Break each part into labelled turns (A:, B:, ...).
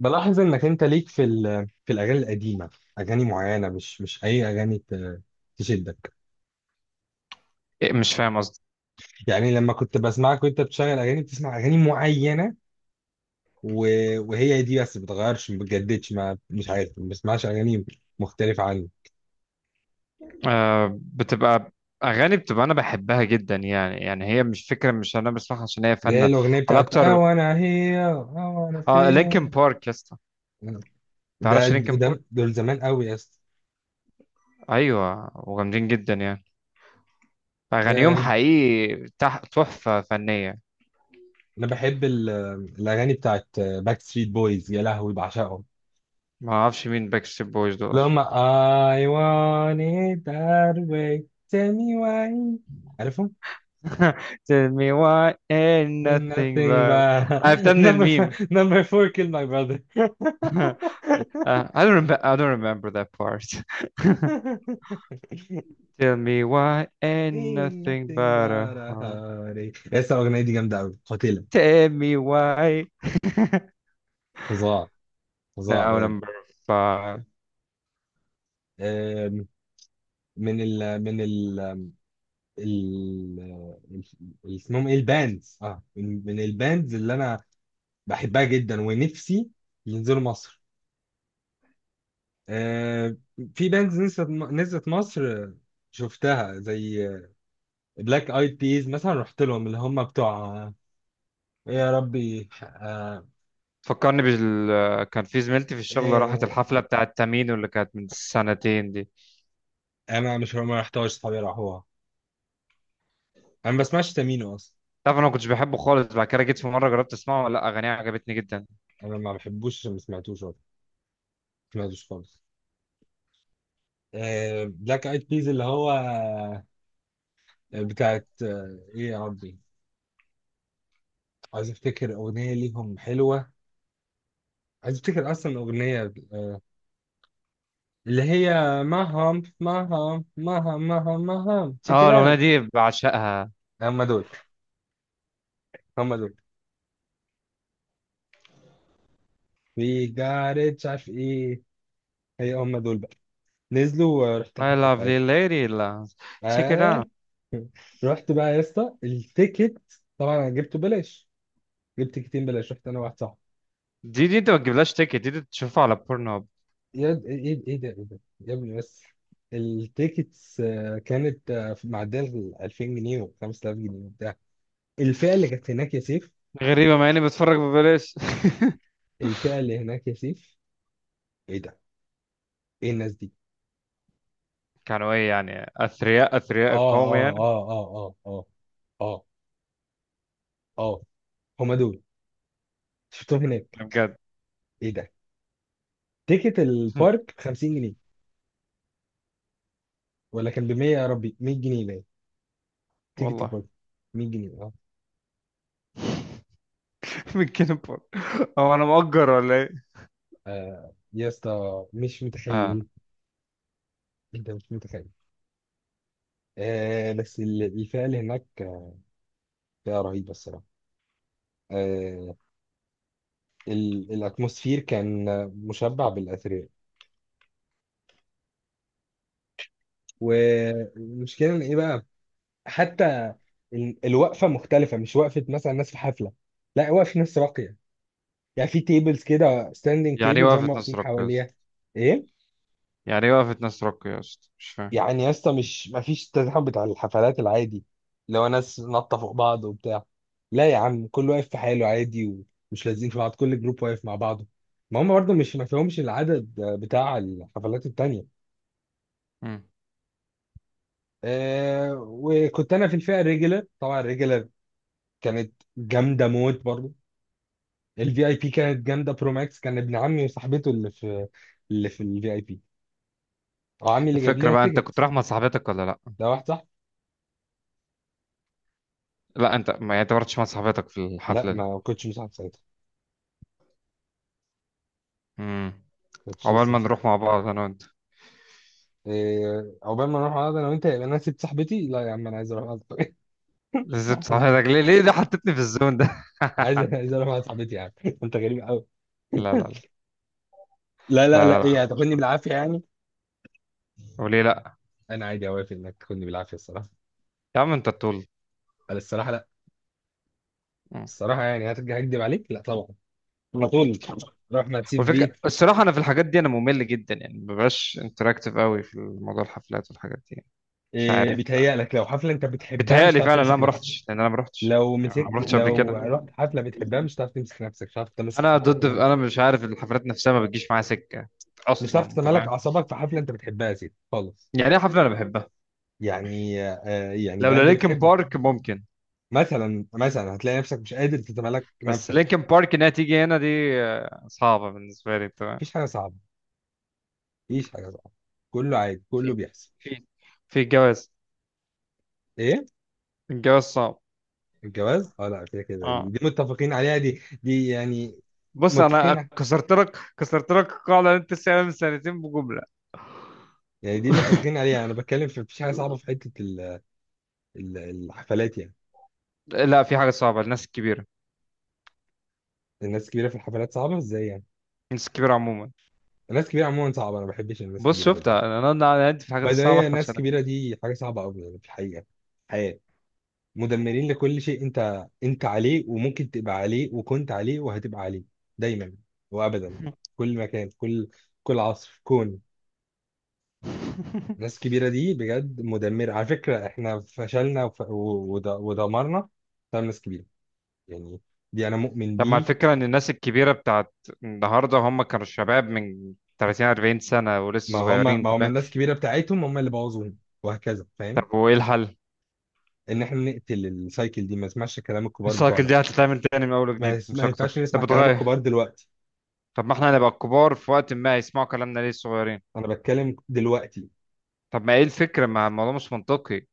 A: بلاحظ انك انت ليك في في الاغاني القديمه، اغاني معينه مش اي اغاني تشدك.
B: إيه، مش فاهم قصدي.
A: يعني لما كنت بسمعك وانت بتشغل اغاني بتسمع اغاني معينه وهي دي بس بتغيرش، ما بتجددش، ما مش عارف، ما بسمعش اغاني مختلفه عني.
B: آه، بتبقى اغاني، بتبقى انا بحبها جدا، يعني هي مش فكره، مش انا بسمعها عشان هي
A: اللي
B: فن
A: هي الاغنيه
B: على
A: بتاعت I
B: اكتر.
A: wanna hear I wanna
B: اه، لينكن
A: feel.
B: بارك يا اسطى.
A: ده
B: تعرفش لينكن
A: ده
B: بارك؟
A: دول زمان قوي يا اسطى.
B: ايوه، وجامدين جدا يعني. اغانيهم
A: أم،
B: حقيقي تحفه فنيه.
A: انا بحب الاغاني بتاعت باك ستريت بويز، يا لهوي بعشقهم.
B: ما اعرفش مين باك ستريت بويز دول
A: اللي هم
B: اصلا.
A: I want it that way، tell me why. عارفهم؟
B: tell me why ain't
A: Ain't
B: nothing
A: nothing
B: but. عرفتها
A: but
B: من
A: number four,
B: الميم.
A: number four killed my brother
B: I don't remember that part. tell me why ain't
A: Ain't
B: nothing
A: nothing
B: but a
A: but a
B: heart.
A: heartache. لسه الأغنية دي جامدة أوي قاتلة.
B: tell me why.
A: فظاع، فظاع
B: no
A: بجد.
B: number five.
A: آم، من ال من ال ال ال- اسمهم ايه الباندز؟ اه، من الباندز اللي انا بحبها جدا ونفسي ينزلوا مصر. آه، في بانز نزلت مصر، شفتها، زي بلاك ايد بيز مثلا، رحت لهم. اللي هم بتوع ايه يا ربي؟
B: فكرني بال، كان في زميلتي في الشغل راحت
A: إيه.
B: الحفلة بتاعت تامينو اللي كانت من سنتين دي.
A: انا مش، ما رحتهاش، صحابي راحوها. انا ما بسمعش تامينو اصلا.
B: تعرف انا ما كنتش بحبه خالص، بعد كده جيت في مرة جربت اسمعه، لا اغانيه عجبتني جدا.
A: انا ما بحبوش عشان ما سمعتوش أصلاً. ما سمعتوش خالص. آه بلاك ايد بيز اللي هو بتاعت ايه يا ربي، عايز افتكر اغنيه ليهم حلوه، عايز افتكر اصلا اغنيه. آه، اللي هي مهم مهم مهم مهم مهم تشيك
B: اه الاغنية
A: ات.
B: دي بعشقها.
A: هم دول، هم دول. وي جات ات، مش عارف ايه. هي هم دول بقى، نزلوا ورحت
B: My
A: الحفله
B: lovely
A: بتاعتهم.
B: lady. لا، check it
A: اه.
B: out.
A: رحت بقى يا اسطى التيكت. طبعا انا جبته بلاش، جبت تيكتين بلاش، رحت انا واحد صاحبي.
B: دي انت ما تجيبلهاش تيكت، دي, دي تشوفها على بورن هاب.
A: ايه ده، ايه ده يا ابني بس. التيكتس كانت معديه ال 2000 جنيه و 5000 جنيه وبتاع. الفئه اللي كانت هناك يا سيف.
B: غريبة مع اني بتفرج ببلاش.
A: الفئه اللي هناك يا سيف! ايه ده، ايه الناس دي؟
B: كانوا ايه يعني، اثرياء،
A: اه،
B: اثرياء القوم
A: اه،
B: يعني.
A: اه، اه، اه، اه، اه، اه. هم دول، شفتهم هناك.
B: بجد.
A: ايه ده؟ تيكت البارك ب 50 جنيه، ولا كان ب 100، يا ربي، 100 جنيه باين تيكت
B: والله.
A: البارك. 100 جنيه اه.
B: من كنبر. هو انا مؤجر ولا ايه؟
A: يا اسطى مش
B: اه.
A: متخيل، انت مش متخيل. آه بس الفئه اللي هناك فئه رهيبه الصراحه. آه. الاتموسفير كان مشبع بالاثرياء. والمشكله ان ايه بقى؟ حتى الوقفه مختلفه، مش وقفه مثلا ناس في حفله، لا، وقفه ناس راقيه. يعني في تيبلز كده، ستاندنج
B: يعني ايه
A: تيبلز هم
B: وقفت نص
A: واقفين
B: رق يا
A: حواليها.
B: اسطى؟
A: ايه
B: يعني ايه وقفت نص رق يا اسطى، مش فاهم.
A: يعني يا اسطى؟ مش، مفيش التزاحم بتاع الحفلات العادي اللي هو ناس نطة فوق بعض وبتاع. لا يا عم، كل واقف في حاله عادي، ومش لازقين في بعض، كل جروب واقف مع بعضه. ما هم برضه مش، ما فيهمش العدد بتاع الحفلات التانية.
B: مم.
A: آه، وكنت انا في الفئة الريجلر، طبعا الريجلر كانت جامدة موت برضه. الفي اي بي كانت جامدة برو ماكس. كان ابن عمي وصاحبته اللي في الفي اي بي، وعمي اللي جايب
B: الفكرة
A: لنا
B: بقى، انت كنت
A: تيكت.
B: رايح مع صاحبتك ولا لا؟
A: ده واحد صح.
B: لا، انت ما، يعني انت ما رحتش مع صاحبتك في
A: لا،
B: الحفلة دي؟
A: ما كنتش مساعد ساعتها،
B: امم.
A: ما كنتش
B: عقبال
A: لسه
B: ما
A: مساعد.
B: نروح مع بعض انا وانت.
A: إيه، عقبال ما نروح قعده انا وانت، يبقى انا سيب صاحبتي؟ لا يا عم، انا عايز اروح قعده
B: لازم صاحبتك؟ ليه؟ ليه ده حطيتني في الزون ده؟
A: عايز اروح قعده صاحبتي يا عم انت غريب قوي.
B: لا لا لا.
A: لا لا
B: لا لا
A: لا،
B: لا.
A: ايه، هتاخدني بالعافيه يعني؟
B: وليه لا؟
A: انا عادي اوافق انك تاخدني بالعافيه الصراحه.
B: يا عم انت طول.
A: انا الصراحه لا.
B: مم.
A: الصراحه يعني هترجع اكدب عليك؟ لا طبعا، على طول، روح ما تسيب بيه.
B: والفكرة الصراحة أنا في الحاجات دي أنا ممل جدا، يعني مبقاش انتراكتيف قوي في موضوع الحفلات والحاجات دي يعني. مش
A: إيه
B: عارف.
A: بيتهيألك؟ لو حفله انت بتحبها مش
B: بتهيألي
A: هتعرف
B: فعلا لا
A: تمسك
B: ما
A: نفسك.
B: رحتش، لان انا ما رحتش
A: لو
B: يعني،
A: مسكت،
B: ما رحتش قبل
A: لو
B: كده.
A: رحت حفله بتحبها مش هتعرف تمسك نفسك، مش هتعرف تمسك
B: انا ضد،
A: تتملك،
B: انا مش عارف الحفلات نفسها ما بتجيش معايا سكه
A: مش
B: اصلا،
A: هتعرف
B: انت
A: تتملك
B: فاهم؟
A: اعصابك في حفله انت بتحبها يا سيدي خالص.
B: يعني ايه حفله انا بحبها؟
A: يعني يعني
B: لولا
A: باند
B: لينكن
A: بتحبه
B: بارك ممكن،
A: مثلا، مثلا هتلاقي نفسك مش قادر تتملك
B: بس
A: نفسك.
B: لينكن بارك انها تيجي هنا دي آه، صعبه بالنسبه لي، انت فاهم.
A: مفيش حاجه صعبه، مفيش حاجه صعبه، كله عادي، كله
B: في
A: بيحصل.
B: في في الجواز.
A: ايه؟
B: الجواز صعب.
A: الجواز، اه. لا كده كده دي,
B: اه.
A: دي متفقين عليها، دي يعني.
B: بص انا
A: متفقين.
B: كسرت لك، كسرت لك القاعده اللي انت سألها من سنتين بجمله.
A: يعني دي متفقين عليها، انا بتكلم في مفيش حاجه صعبه في حته الحفلات يعني.
B: لا في حاجه صعبه، الناس الكبيره.
A: الناس الكبيره في الحفلات صعبه ازاي يعني؟
B: الناس الكبيره عموما.
A: الناس الكبيره عموما صعبه، انا ما بحبش الناس
B: بص
A: الكبيره، باي ذا،
B: شفتها، انا أنا عندي في الحاجات الصعبه، احنا
A: الناس
B: مش
A: الكبيره دي حاجه صعبه قوي يعني في الحقيقه، الحياه. مدمرين لكل شيء انت، عليه، وممكن تبقى عليه وكنت عليه وهتبقى عليه دايما وابدا، كل مكان، كل عصر، في كون.
B: هنعمل.
A: الناس الكبيره دي بجد مدمره على فكره. احنا فشلنا ودمرنا بسبب ناس كبيره يعني. دي انا مؤمن
B: طب ما
A: بيه.
B: الفكرة إن الناس الكبيرة بتاعت النهاردة هم كانوا شباب من 30 40 سنة
A: ما
B: ولسه
A: هم
B: صغيرين، أنت
A: ما هم
B: فاهم؟
A: الناس الكبيره بتاعتهم هم اللي بوظوهم، وهكذا. فاهم؟
B: طب وإيه الحل؟
A: ان احنا نقتل السايكل دي، ما نسمعش كلام الكبار
B: السايكل
A: بتوعنا.
B: دي هتتعمل تاني من أول وجديد، مش
A: ما
B: أكتر
A: ينفعش نسمع
B: أنت
A: كلام
B: بتغير.
A: الكبار دلوقتي.
B: طب ما إحنا هنبقى الكبار في وقت ما، يسمعوا كلامنا ليه الصغيرين؟
A: انا بتكلم دلوقتي.
B: طب ما إيه الفكرة؟ ما الموضوع مش منطقي.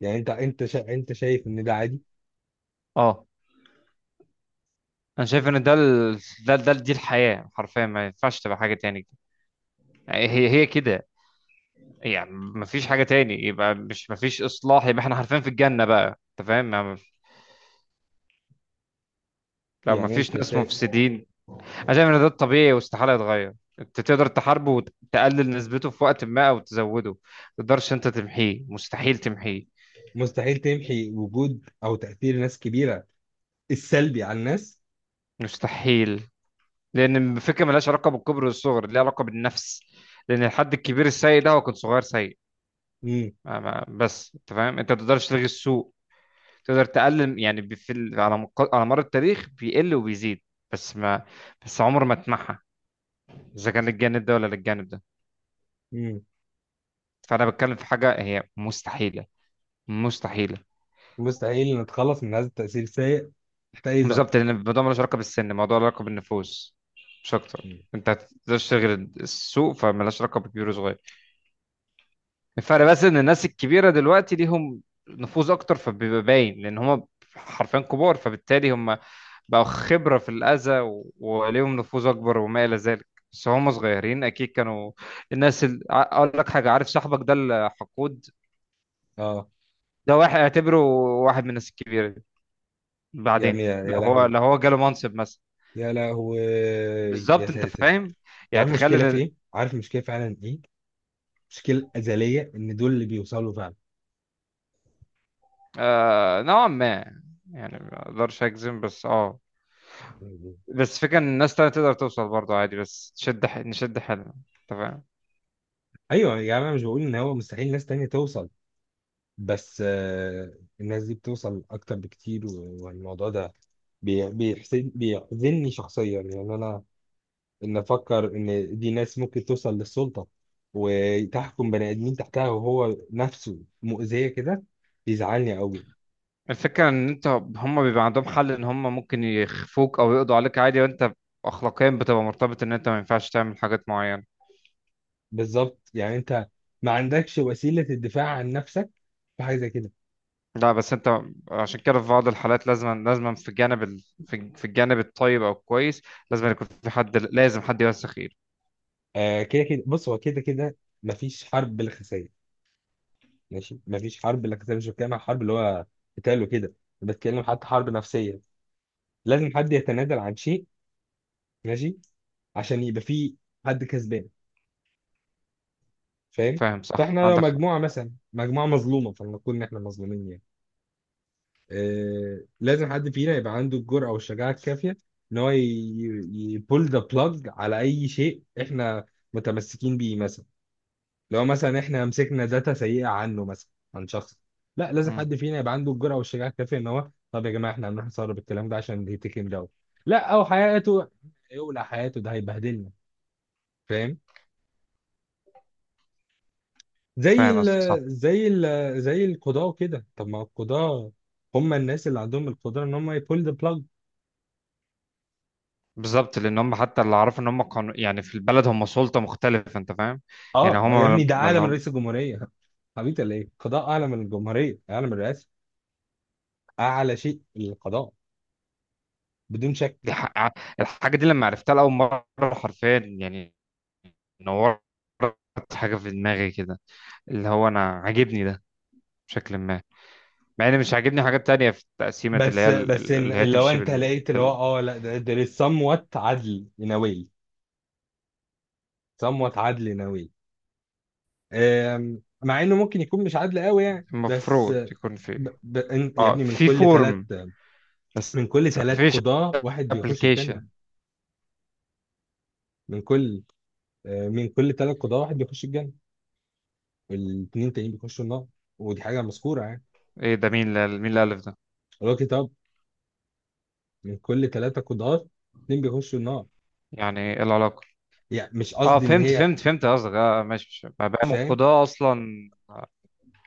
A: يعني انت شايف ان ده عادي؟
B: أه. أنا شايف إن ده ال... ده دي الحياة حرفيا، ما ينفعش تبقى حاجة تاني. يعني هي هي كده، يعني ما فيش حاجة تاني، يبقى مش ما فيش إصلاح، يبقى إحنا حرفيا في الجنة بقى. أنت فاهم؟ ما- لو ما
A: يعني
B: فيش
A: انت
B: ناس
A: شايف
B: مفسدين. انا شايف ان ده الطبيعي واستحاله يتغير. انت تقدر تحاربه وتقلل نسبته في وقت ما او تزوده، ما تقدرش انت تمحيه، مستحيل تمحيه.
A: مستحيل تمحي وجود او تاثير ناس كبيره السلبي على الناس.
B: مستحيل. لان الفكره ملهاش علاقه بالكبر والصغر، ليها علاقه بالنفس. لان الحد الكبير السيء ده هو كان صغير سيء.
A: امم،
B: ما بس انت فاهم، انت ما تقدرش تلغي السوء. تقدر تقلل يعني بي- في ال- على مق... على مر التاريخ بيقل وبيزيد، بس ما، بس عمر ما تمحى، اذا كان للجانب ده ولا للجانب ده.
A: امم.
B: فانا بتكلم في حاجه هي مستحيله. مستحيله.
A: مستحيل نتخلص من هذا التاثير السيء تحت اي ظرف.
B: بالظبط، لان الموضوع ملوش علاقه بالسن، الموضوع له علاقه بالنفوس مش اكتر.
A: مم.
B: انت هتقدرش تشغل السوق، فملهاش علاقه بكبير وصغير. الفرق بس ان الناس الكبيره دلوقتي ليهم نفوذ اكتر، فبيبقى باين لان هم حرفيا كبار، فبالتالي هم بقوا خبره في الاذى وليهم نفوذ اكبر وما الى ذلك، بس هم صغيرين اكيد كانوا. الناس ال... ع- اقول لك حاجه، عارف صاحبك ده الحقود؟
A: اه.
B: ده واحد اعتبره واحد من الناس الكبيره دي.
A: يا عمي،
B: بعدين
A: يا
B: لو
A: يا
B: هو،
A: لهوي،
B: لو هو جاله منصب مثلا.
A: يا لهوي، يا
B: بالظبط انت
A: ساتر.
B: فاهم،
A: انت
B: يعني
A: عارف
B: تخيل.
A: المشكله في ايه؟ عارف المشكله فعلا ايه؟ مشكله ازليه ان دول اللي بيوصلوا فعلا.
B: آه نوعا ما، يعني ما اقدرش اجزم، بس اه.
A: مم.
B: بس فكرة ان الناس تانية تقدر توصل برضه عادي، بس تشد ح... نشد حيلنا، انت فاهم.
A: ايوه يا عم، انا مش بقول ان هو مستحيل ناس تانية توصل، بس آه الناس دي بتوصل اكتر بكتير. والموضوع ده بيحسد، بيحزنني شخصيا يعني، انا ان افكر ان دي ناس ممكن توصل للسلطه وتحكم بني ادمين تحتها وهو نفسه مؤذيه كده، بيزعلني قوي.
B: الفكرة ان انت، هم بيبقى عندهم حل ان هم ممكن يخفوك او يقضوا عليك عادي، وانت اخلاقيا بتبقى مرتبط ان انت ما ينفعش تعمل حاجات معينة.
A: بالظبط، يعني انت ما عندكش وسيله الدفاع عن نفسك في حاجه زي كده.
B: لا بس انت، عشان كده في بعض الحالات لازم، لازم في الجانب ال... في الجانب الطيب او الكويس لازم يكون في حد، لازم حد يوسخ ايده.
A: آه كده كده، بص هو كده كده، مفيش حرب بلا خسائر. ماشي، مفيش حرب بلا خسائر. مش بتكلم عن حرب اللي هو قتال وكده، بتكلم حتى حرب نفسيه. لازم حد يتنازل عن شيء، ماشي، عشان يبقى فيه حد كسبان. فاهم؟
B: فاهم صح،
A: فاحنا لو
B: عندك حق.
A: مجموعه مثلا، مجموعه مظلومه، فلنقول ان احنا مظلومين يعني، آه لازم حد فينا يبقى عنده الجرأه والشجاعه الكافيه ان هو يبول ذا بلاج على اي شيء احنا متمسكين بيه مثلا. لو مثلا احنا مسكنا داتا سيئه عنه، مثلا عن شخص، لا، لازم
B: مم.
A: حد فينا يبقى عنده الجرأه والشجاعه الكافيه ان هو، طب يا جماعه احنا هنروح نسرب الكلام ده عشان يتكلم ده. لا، او حياته، يولع حياته، ده هيبهدلنا. فاهم؟ زي
B: فاهم
A: ال
B: قصدك.
A: زي ال زي القضاء كده. طب ما القضاء هم الناس اللي عندهم القدرة ان هم يبول ذا بلاج.
B: بالظبط لان هم، حتى اللي اعرفه ان هم كانوا يعني في البلد هم سلطه مختلفه، انت فاهم. يعني
A: اه
B: هم
A: يا ابني،
B: ما،
A: ده اعلى من
B: ما-
A: رئيس الجمهورية حبيبي. ليه؟ القضاء اعلى من الجمهورية، اعلى من الرئاسة. اعلى شيء القضاء بدون شك.
B: دي ح- الحاجه دي لما عرفتها لاول مره حرفيا يعني نورت حاجه في دماغي كده، اللي هو انا عاجبني ده بشكل ما، مع ان مش عاجبني حاجات تانية في التقسيمه اللي
A: بس
B: هي ال-
A: بس
B: ال- اللي هي
A: إن لو
B: تمشي
A: انت
B: بال...
A: لقيت اللي هو،
B: بال...
A: اه لا، ده ده somewhat عدل in a way. somewhat عدل in a way، مع انه ممكن يكون مش عدل قوي يعني، بس.
B: المفروض يكون في،
A: يا
B: اه،
A: ابني،
B: في فورم بس
A: من كل
B: ما
A: ثلاث
B: فيش
A: قضاة واحد بيخش الجنة.
B: ابلكيشن.
A: من كل من كل ثلاث قضاة واحد بيخش الجنة، والاثنين التانيين بيخشوا النار. ودي حاجة مذكورة يعني،
B: ايه ده، مين اللي الف ده؟
A: اللي هو كتاب. من كل ثلاثة قضاة اتنين بيخشوا النار.
B: يعني ايه العلاقه؟
A: يعني مش
B: اه
A: قصدي إن
B: فهمت،
A: هي.
B: قصدك. اه ماشي ماشي. مبادئ من
A: فاهم؟
B: القضاء اصلا.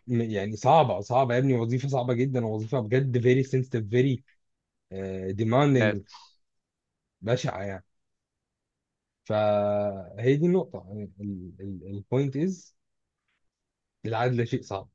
A: يعني صعبة، صعبة يا ابني، وظيفة صعبة جدا، وظيفة بجد very sensitive، very demanding،
B: الناس
A: بشعة يعني. فهي دي النقطة يعني. البوينت از، العدل شيء صعب.